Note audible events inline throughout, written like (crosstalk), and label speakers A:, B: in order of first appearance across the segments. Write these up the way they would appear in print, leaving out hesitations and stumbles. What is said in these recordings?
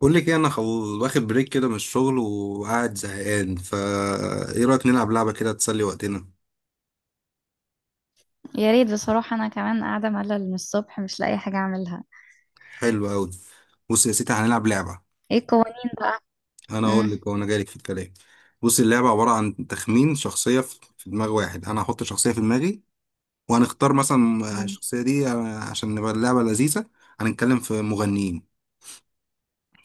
A: بقول لك ايه، انا واخد بريك كده من الشغل وقاعد زهقان فا. ايه رايك نلعب لعبه كده تسلي وقتنا؟
B: يا ريت بصراحة أنا كمان قاعدة ملل من الصبح مش لاقي حاجة أعملها.
A: حلو قوي. بص يا سيدي هنلعب لعبه.
B: إيه القوانين بقى؟
A: انا اقول
B: مم.
A: لك وانا جايلك في الكلام. بص اللعبه عباره عن تخمين شخصيه في دماغ واحد. انا هحط شخصيه في دماغي، وهنختار مثلا
B: مم.
A: الشخصيه دي، عشان نبقى اللعبه لذيذه. هنتكلم في مغنيين.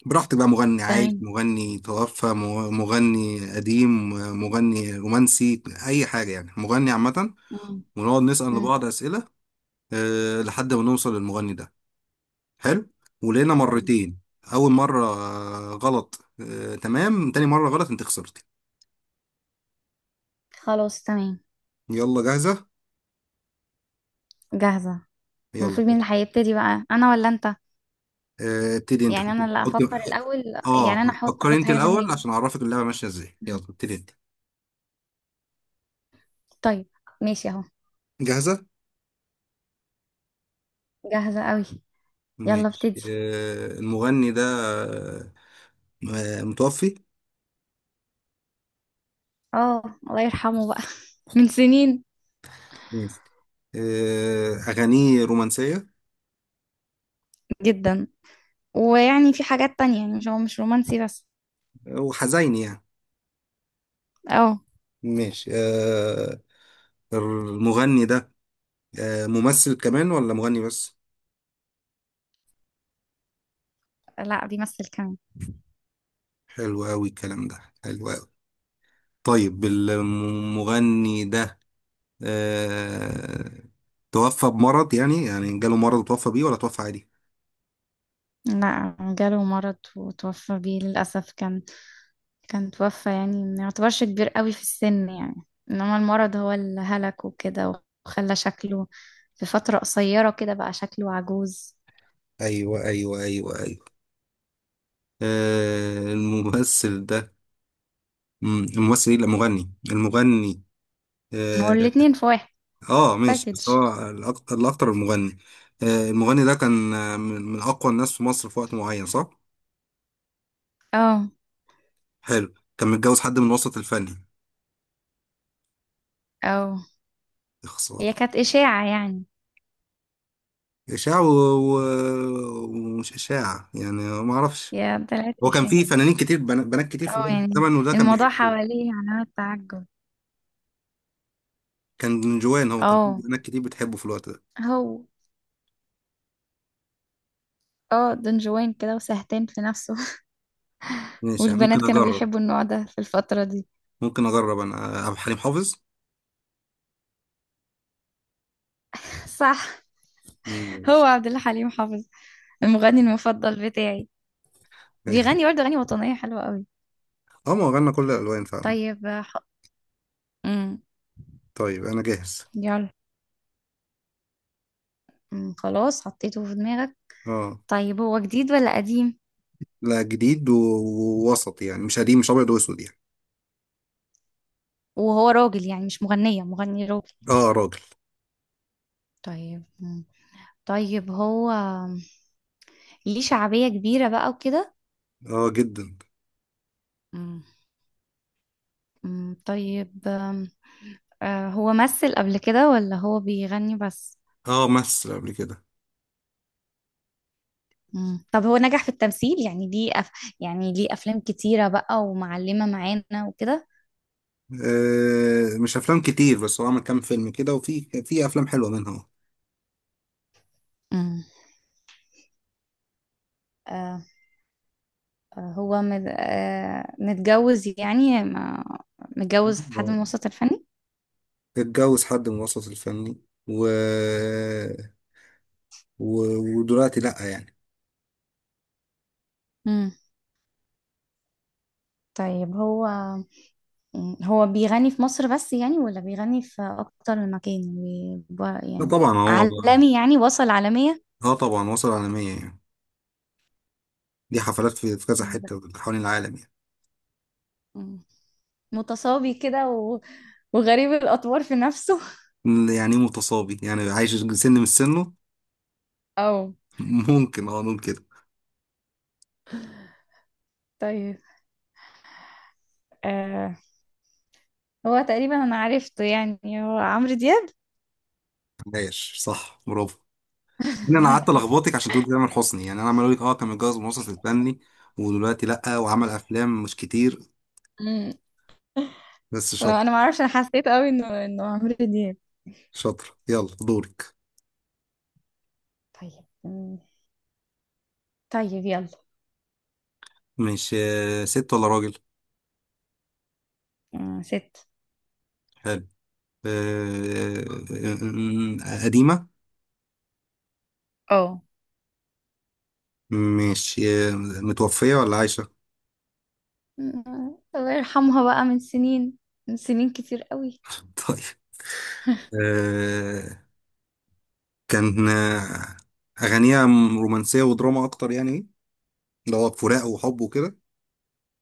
A: براحتك بقى، مغني عايش،
B: تمام.
A: مغني توفى، مغني قديم، مغني رومانسي، اي حاجه يعني، مغني عامه.
B: مم.
A: ونقعد نسأل
B: مم.
A: لبعض أسئلة، لحد ما نوصل للمغني ده. حلو. ولقينا
B: تمام.
A: مرتين، اول مره غلط، تمام، تاني مره غلط انت خسرتي.
B: خلاص تمام.
A: يلا، جاهزه؟
B: جاهزة.
A: يلا.
B: المفروض مين اللي هيبتدي بقى، أنا ولا أنت؟
A: ابتدي انت،
B: يعني
A: حطي
B: أنا اللي أفكر
A: حطي-
B: الأول،
A: اه.
B: يعني أنا أحط
A: فكري
B: أحط
A: انت
B: حاجة في
A: الاول
B: دماغي.
A: عشان اعرفك اللعبه ماشيه ازاي، يلا
B: مم.
A: ابتدي انت.
B: طيب. ماشي أهو.
A: جاهزه؟
B: جاهزة أوي. يلا
A: ماشي.
B: ابتدي.
A: المغني ده آه، متوفي.
B: اه. الله يرحمه بقى. (laughs) من سنين.
A: ماشي. اغانيه رومانسيه
B: جدا. ويعني في حاجات تانية، يعني مش هو مش رومانسي بس.
A: وحزين يعني.
B: اه.
A: ماشي المغني ده، ممثل كمان ولا مغني بس؟
B: لا بيمثل كمان.
A: حلو قوي الكلام ده، حلو قوي. طيب المغني ده، آه، توفى بمرض يعني جاله مرض وتوفى بيه، ولا توفى عادي؟
B: لا جاله مرض وتوفى بيه للأسف. كان توفى، يعني ما يعتبرش كبير قوي في السن يعني. إنما المرض هو اللي هلكه كده وخلى شكله في فترة قصيرة كده بقى شكله عجوز.
A: ايوه ايوه ايوه ايوه. الممثل ده، الممثل، ايه، لا مغني، المغني.
B: ما هو
A: اه.
B: الاتنين في واحد.
A: ماشي، بس
B: باكج.
A: هو الاكتر المغني. المغني ده كان من اقوى الناس في مصر في وقت معين، صح؟
B: اه.
A: حلو. كان متجوز حد من الوسط الفني؟
B: اه.
A: يا
B: هي
A: خسارة.
B: كانت إشاعة يعني.
A: إشاع ومش إشاع يعني. ما أعرفش.
B: هي طلعت
A: هو كان
B: إشاعة.
A: في فنانين كتير، بنات كتير في
B: اه يعني
A: الزمن وده كان
B: الموضوع
A: بيحبوه.
B: حواليه علامات تعجب.
A: كان جوان، هو كان في
B: اه.
A: بنات كتير بتحبه في الوقت ده.
B: هو اه دون جوان كده وسهتان في نفسه. (laughs)
A: ماشي يعني،
B: والبنات
A: ممكن
B: كانوا
A: أجرب.
B: بيحبوا النوع ده في الفترة دي.
A: ممكن أجرب، أنا عبد الحليم حافظ.
B: صح. هو
A: ماشي.
B: عبد الله حليم حافظ، المغني المفضل بتاعي. بيغني
A: (laughs)
B: برضه اغاني وطنيه حلوه قوي.
A: أه، ما هو غنى كل الألوان فعلا.
B: طيب مم.
A: طيب أنا جاهز.
B: يلا. مم. خلاص حطيته في دماغك.
A: أه.
B: طيب هو جديد ولا قديم؟
A: لا، جديد ووسط يعني، مش قديم، مش أبيض وأسود يعني.
B: وهو راجل يعني، مش مغنيه، مغني راجل.
A: أه راجل.
B: طيب. مم. طيب هو ليه شعبيه كبيره بقى وكده.
A: أه جدا.
B: مم. مم. طيب هو مثل قبل كده ولا هو بيغني بس؟
A: أه مثل قبل كده.
B: مم. طب هو نجح في التمثيل، يعني ليه يعني ليه أفلام كتيرة بقى ومعلمة معانا وكده.
A: مش افلام كتير، بس هو عمل كام فيلم كده، وفي افلام حلوه منها.
B: مم. آه هو متجوز، يعني ما... متجوز حد
A: آه.
B: من الوسط الفني.
A: اتجوز حد من الوسط الفني و... و... ودلوقتي لأ يعني.
B: مم. طيب هو بيغني في مصر بس يعني، ولا بيغني في أكتر من مكان؟ يعني
A: لا
B: يعني
A: طبعا هو.
B: عالمي، يعني وصل عالمية.
A: اه طبعا وصل عالمية يعني. دي حفلات في كذا
B: مم، لا.
A: حتة حوالين العالم.
B: مم. متصابي كده وغريب الأطوار في نفسه.
A: يعني إيه متصابي؟ يعني عايش سن من سنه.
B: (laughs) أو
A: (laughs) ممكن، اه، نقول كده.
B: طيب. آه هو تقريبا انا عرفته، يعني هو عمرو دياب.
A: عايش، صح، برافو. إن انا قعدت
B: (laughs)
A: الخبطك عشان تقول تامر حسني يعني، انا عمال اقول لك، كان متجوز من الوسط الفني ودلوقتي لأ، وعمل افلام مش كتير،
B: امم
A: بس
B: لو
A: شاطر.
B: انا ما اعرفش، انا حسيت قوي انه عمرو دياب.
A: شاطر، يلا دورك.
B: طيب أمم، طيب يلا.
A: مش ست ولا راجل؟
B: ست.
A: حلو. آه، قديمة؟
B: اه.
A: مش متوفية ولا عايشة؟
B: أمم، الله يرحمها بقى من سنين، من سنين كتير قوي.
A: (laughs) طيب. آه، كان أغانيها رومانسية ودراما أكتر يعني، اللي هو فراق وحب وكده؟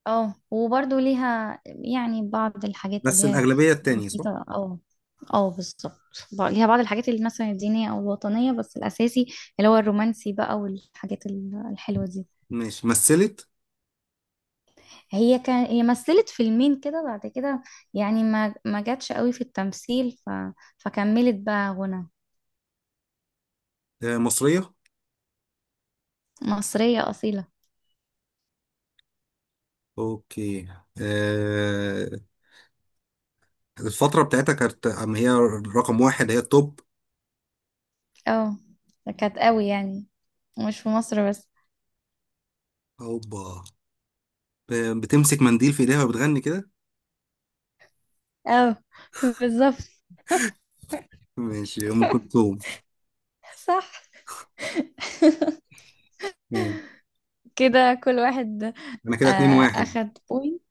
B: اه وبرضه ليها يعني بعض الحاجات اللي
A: بس
B: هي
A: الأغلبية التانية، صح؟
B: بسيطة. اه. اه بالظبط. ليها بعض الحاجات اللي مثلا الدينية او الوطنية، بس الاساسي اللي هو الرومانسي بقى والحاجات الحلوة دي.
A: ماشي. مثلت؟
B: هي مثلت فيلمين كده بعد كده، يعني ما جاتش قوي في التمثيل فكملت بقى غنى.
A: مصرية؟
B: مصرية أصيلة.
A: أوكي. آه، الفترة بتاعتها كانت أما هي رقم واحد، هي التوب؟
B: اه كانت قوي يعني، مش في مصر بس.
A: أوبا. بتمسك منديل في إيديها وبتغني كده؟
B: اه. (laughs) بالظبط.
A: ماشي، أم كلثوم.
B: صح. (laughs)
A: مم.
B: كده كل واحد.
A: أنا
B: آه
A: كده 2-1.
B: أخد بوينت.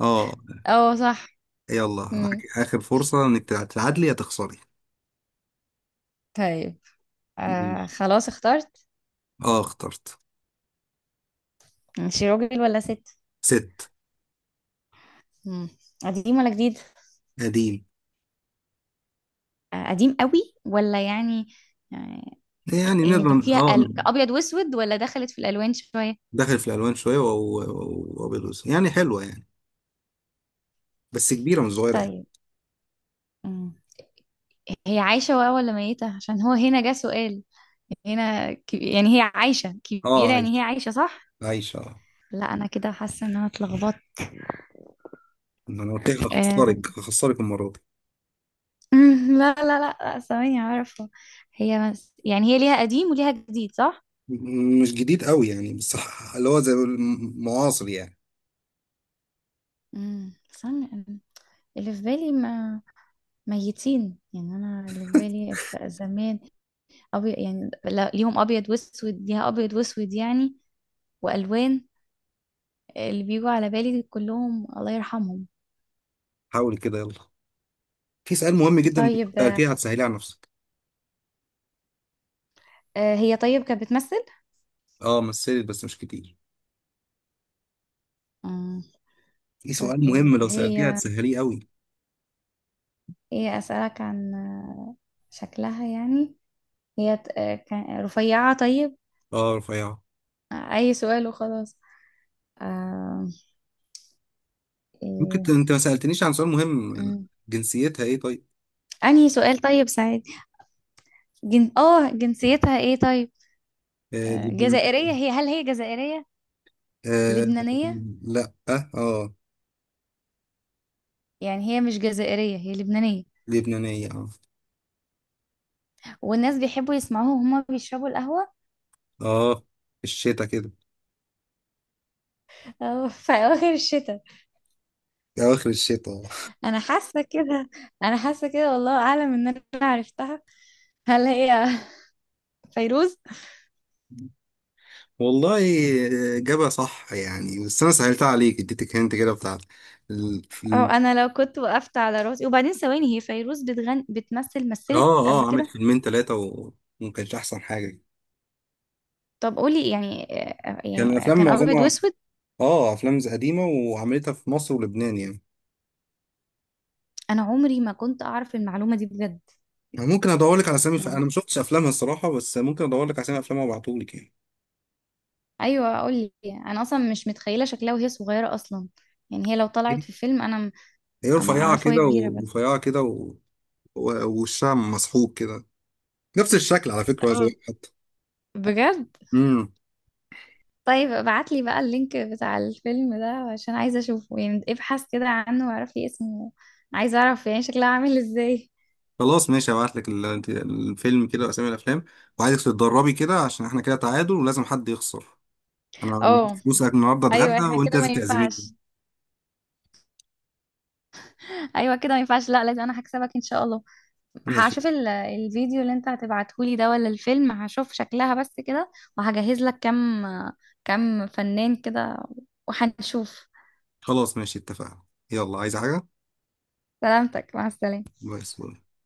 A: اه.
B: اه صح.
A: يلا
B: مم.
A: معاك آخر فرصة إنك تتعادلي يا تخسري.
B: طيب
A: ماشي.
B: خلاص اخترت.
A: آه اخترت.
B: ماشي راجل ولا ست؟
A: ست.
B: مم. قديم ولا جديد؟
A: قديم.
B: قديم قوي ولا يعني آه،
A: يعني
B: يعني
A: نقدر،
B: فيها
A: آه.
B: ابيض واسود ولا دخلت في الالوان شويه؟
A: داخل في الألوان شوية وأبيض وأسود يعني، حلوة يعني، بس كبيرة مش صغيرة يعني.
B: طيب. مم. هي عايشه بقى ولا ميته؟ عشان هو هنا جه سؤال. هنا يعني هي عايشه
A: آه
B: كبيره، يعني هي
A: عايش.
B: عايشه صح.
A: عايش، آه.
B: لا انا كده حاسه ان انا اتلخبطت.
A: ما أنا قلت لك
B: آه.
A: هخسرك المرة دي.
B: مم، لا لا لا لا، ثواني عارفه. هي يعني هي ليها قديم وليها جديد صح.
A: مش جديد قوي يعني، بس اللي هو زي معاصر يعني.
B: استنى اللي في بالي ما ميتين، يعني انا اللي في بالي في زمان يعني لا... ليهم ابيض واسود ليها ابيض واسود يعني، والوان. اللي بيجوا على بالي كلهم الله يرحمهم.
A: حاول كده، يلا. في سؤال مهم جدا، إنت لو
B: طيب
A: سألتيه هتسهليه على نفسك.
B: هي طيب كانت بتمثل.
A: آه مثلت بس مش كتير.
B: مم.
A: في سؤال
B: طيب
A: مهم لو سألتيه
B: هي
A: هتسهليه قوي.
B: هي أسألك عن شكلها يعني. هي رفيعة. طيب
A: آه رفيعة.
B: أي سؤال وخلاص. آه،
A: ممكن
B: إيه.
A: انت ما سألتنيش عن سؤال مهم،
B: مم.
A: جنسيتها ايه طيب؟
B: أنهي سؤال طيب سعيد. اه جنسيتها ايه طيب.
A: آه
B: جزائرية
A: لبنانية.
B: هي هل هي جزائرية؟
A: آه.
B: لبنانية.
A: لا. اه.
B: يعني هي مش جزائرية، هي لبنانية.
A: لبنانية، اه.
B: والناس بيحبوا يسمعوها وهما بيشربوا القهوة
A: اه، الشتا كده،
B: في أواخر الشتاء.
A: اواخر الشتا، آه.
B: انا حاسه كده. انا حاسه كده، والله اعلم ان انا عرفتها. هل هي (laughs) فيروز؟
A: والله، جابها صح يعني، بس انا سهلتها عليك، اديتك هنت كده بتاع ال... في
B: او
A: ال...
B: انا لو كنت وقفت على راسي وبعدين ثواني، هي فيروز بتغن، بتمثل، مثلت
A: اه.
B: قبل
A: اه، عملت
B: كده.
A: فيلمين ثلاثة وما كانش احسن حاجة.
B: طب قولي يعني
A: كان
B: يعني
A: الافلام
B: كان ابيض
A: معظمها،
B: واسود.
A: اه، افلام زي قديمة، وعملتها في مصر ولبنان يعني.
B: انا عمري ما كنت اعرف المعلومه دي بجد.
A: أنا ممكن ادور لك على اسامي، انا
B: يعني
A: ما شفتش افلامها الصراحة، بس ممكن ادور لك على اسامي افلامها وابعتهولك يعني.
B: ايوه قولي، انا اصلا مش متخيله شكلها وهي صغيره اصلا، يعني هي لو طلعت في فيلم انا
A: هي
B: انا
A: رفيعة
B: اعرفه وهي
A: كده
B: كبيره بس.
A: ورفيعة كده، ووشها مسحوق كده. نفس الشكل على فكرة يا
B: اه
A: زويل حتى.
B: بجد.
A: امم.
B: طيب ابعتلي بقى اللينك بتاع الفيلم ده، عشان عايزة اشوفه، يعني ابحث كده عنه واعرفي اسمه. عايزة اعرف يعني شكله عامل ازاي.
A: خلاص ماشي، هبعت لك الفيلم كده واسامي الافلام. وعايزك تتدربي كده عشان احنا كده تعادل ولازم حد يخسر. انا
B: اه.
A: معيش فلوسك، النهارده
B: ايوه
A: اتغدى
B: احنا
A: وانت
B: كده ما
A: لازم تعزميني.
B: ينفعش. ايوه كده ما ينفعش، لا لازم انا هكسبك ان شاء الله.
A: ماشي.
B: هشوف الفيديو اللي انت هتبعتهولي ده، ولا الفيلم. هشوف شكلها بس كده وهجهز لك كم فنان كده، وهنشوف.
A: خلاص ماشي اتفقنا. يلا، عايز حاجة؟
B: سلامتك، مع السلامة.
A: باي باي.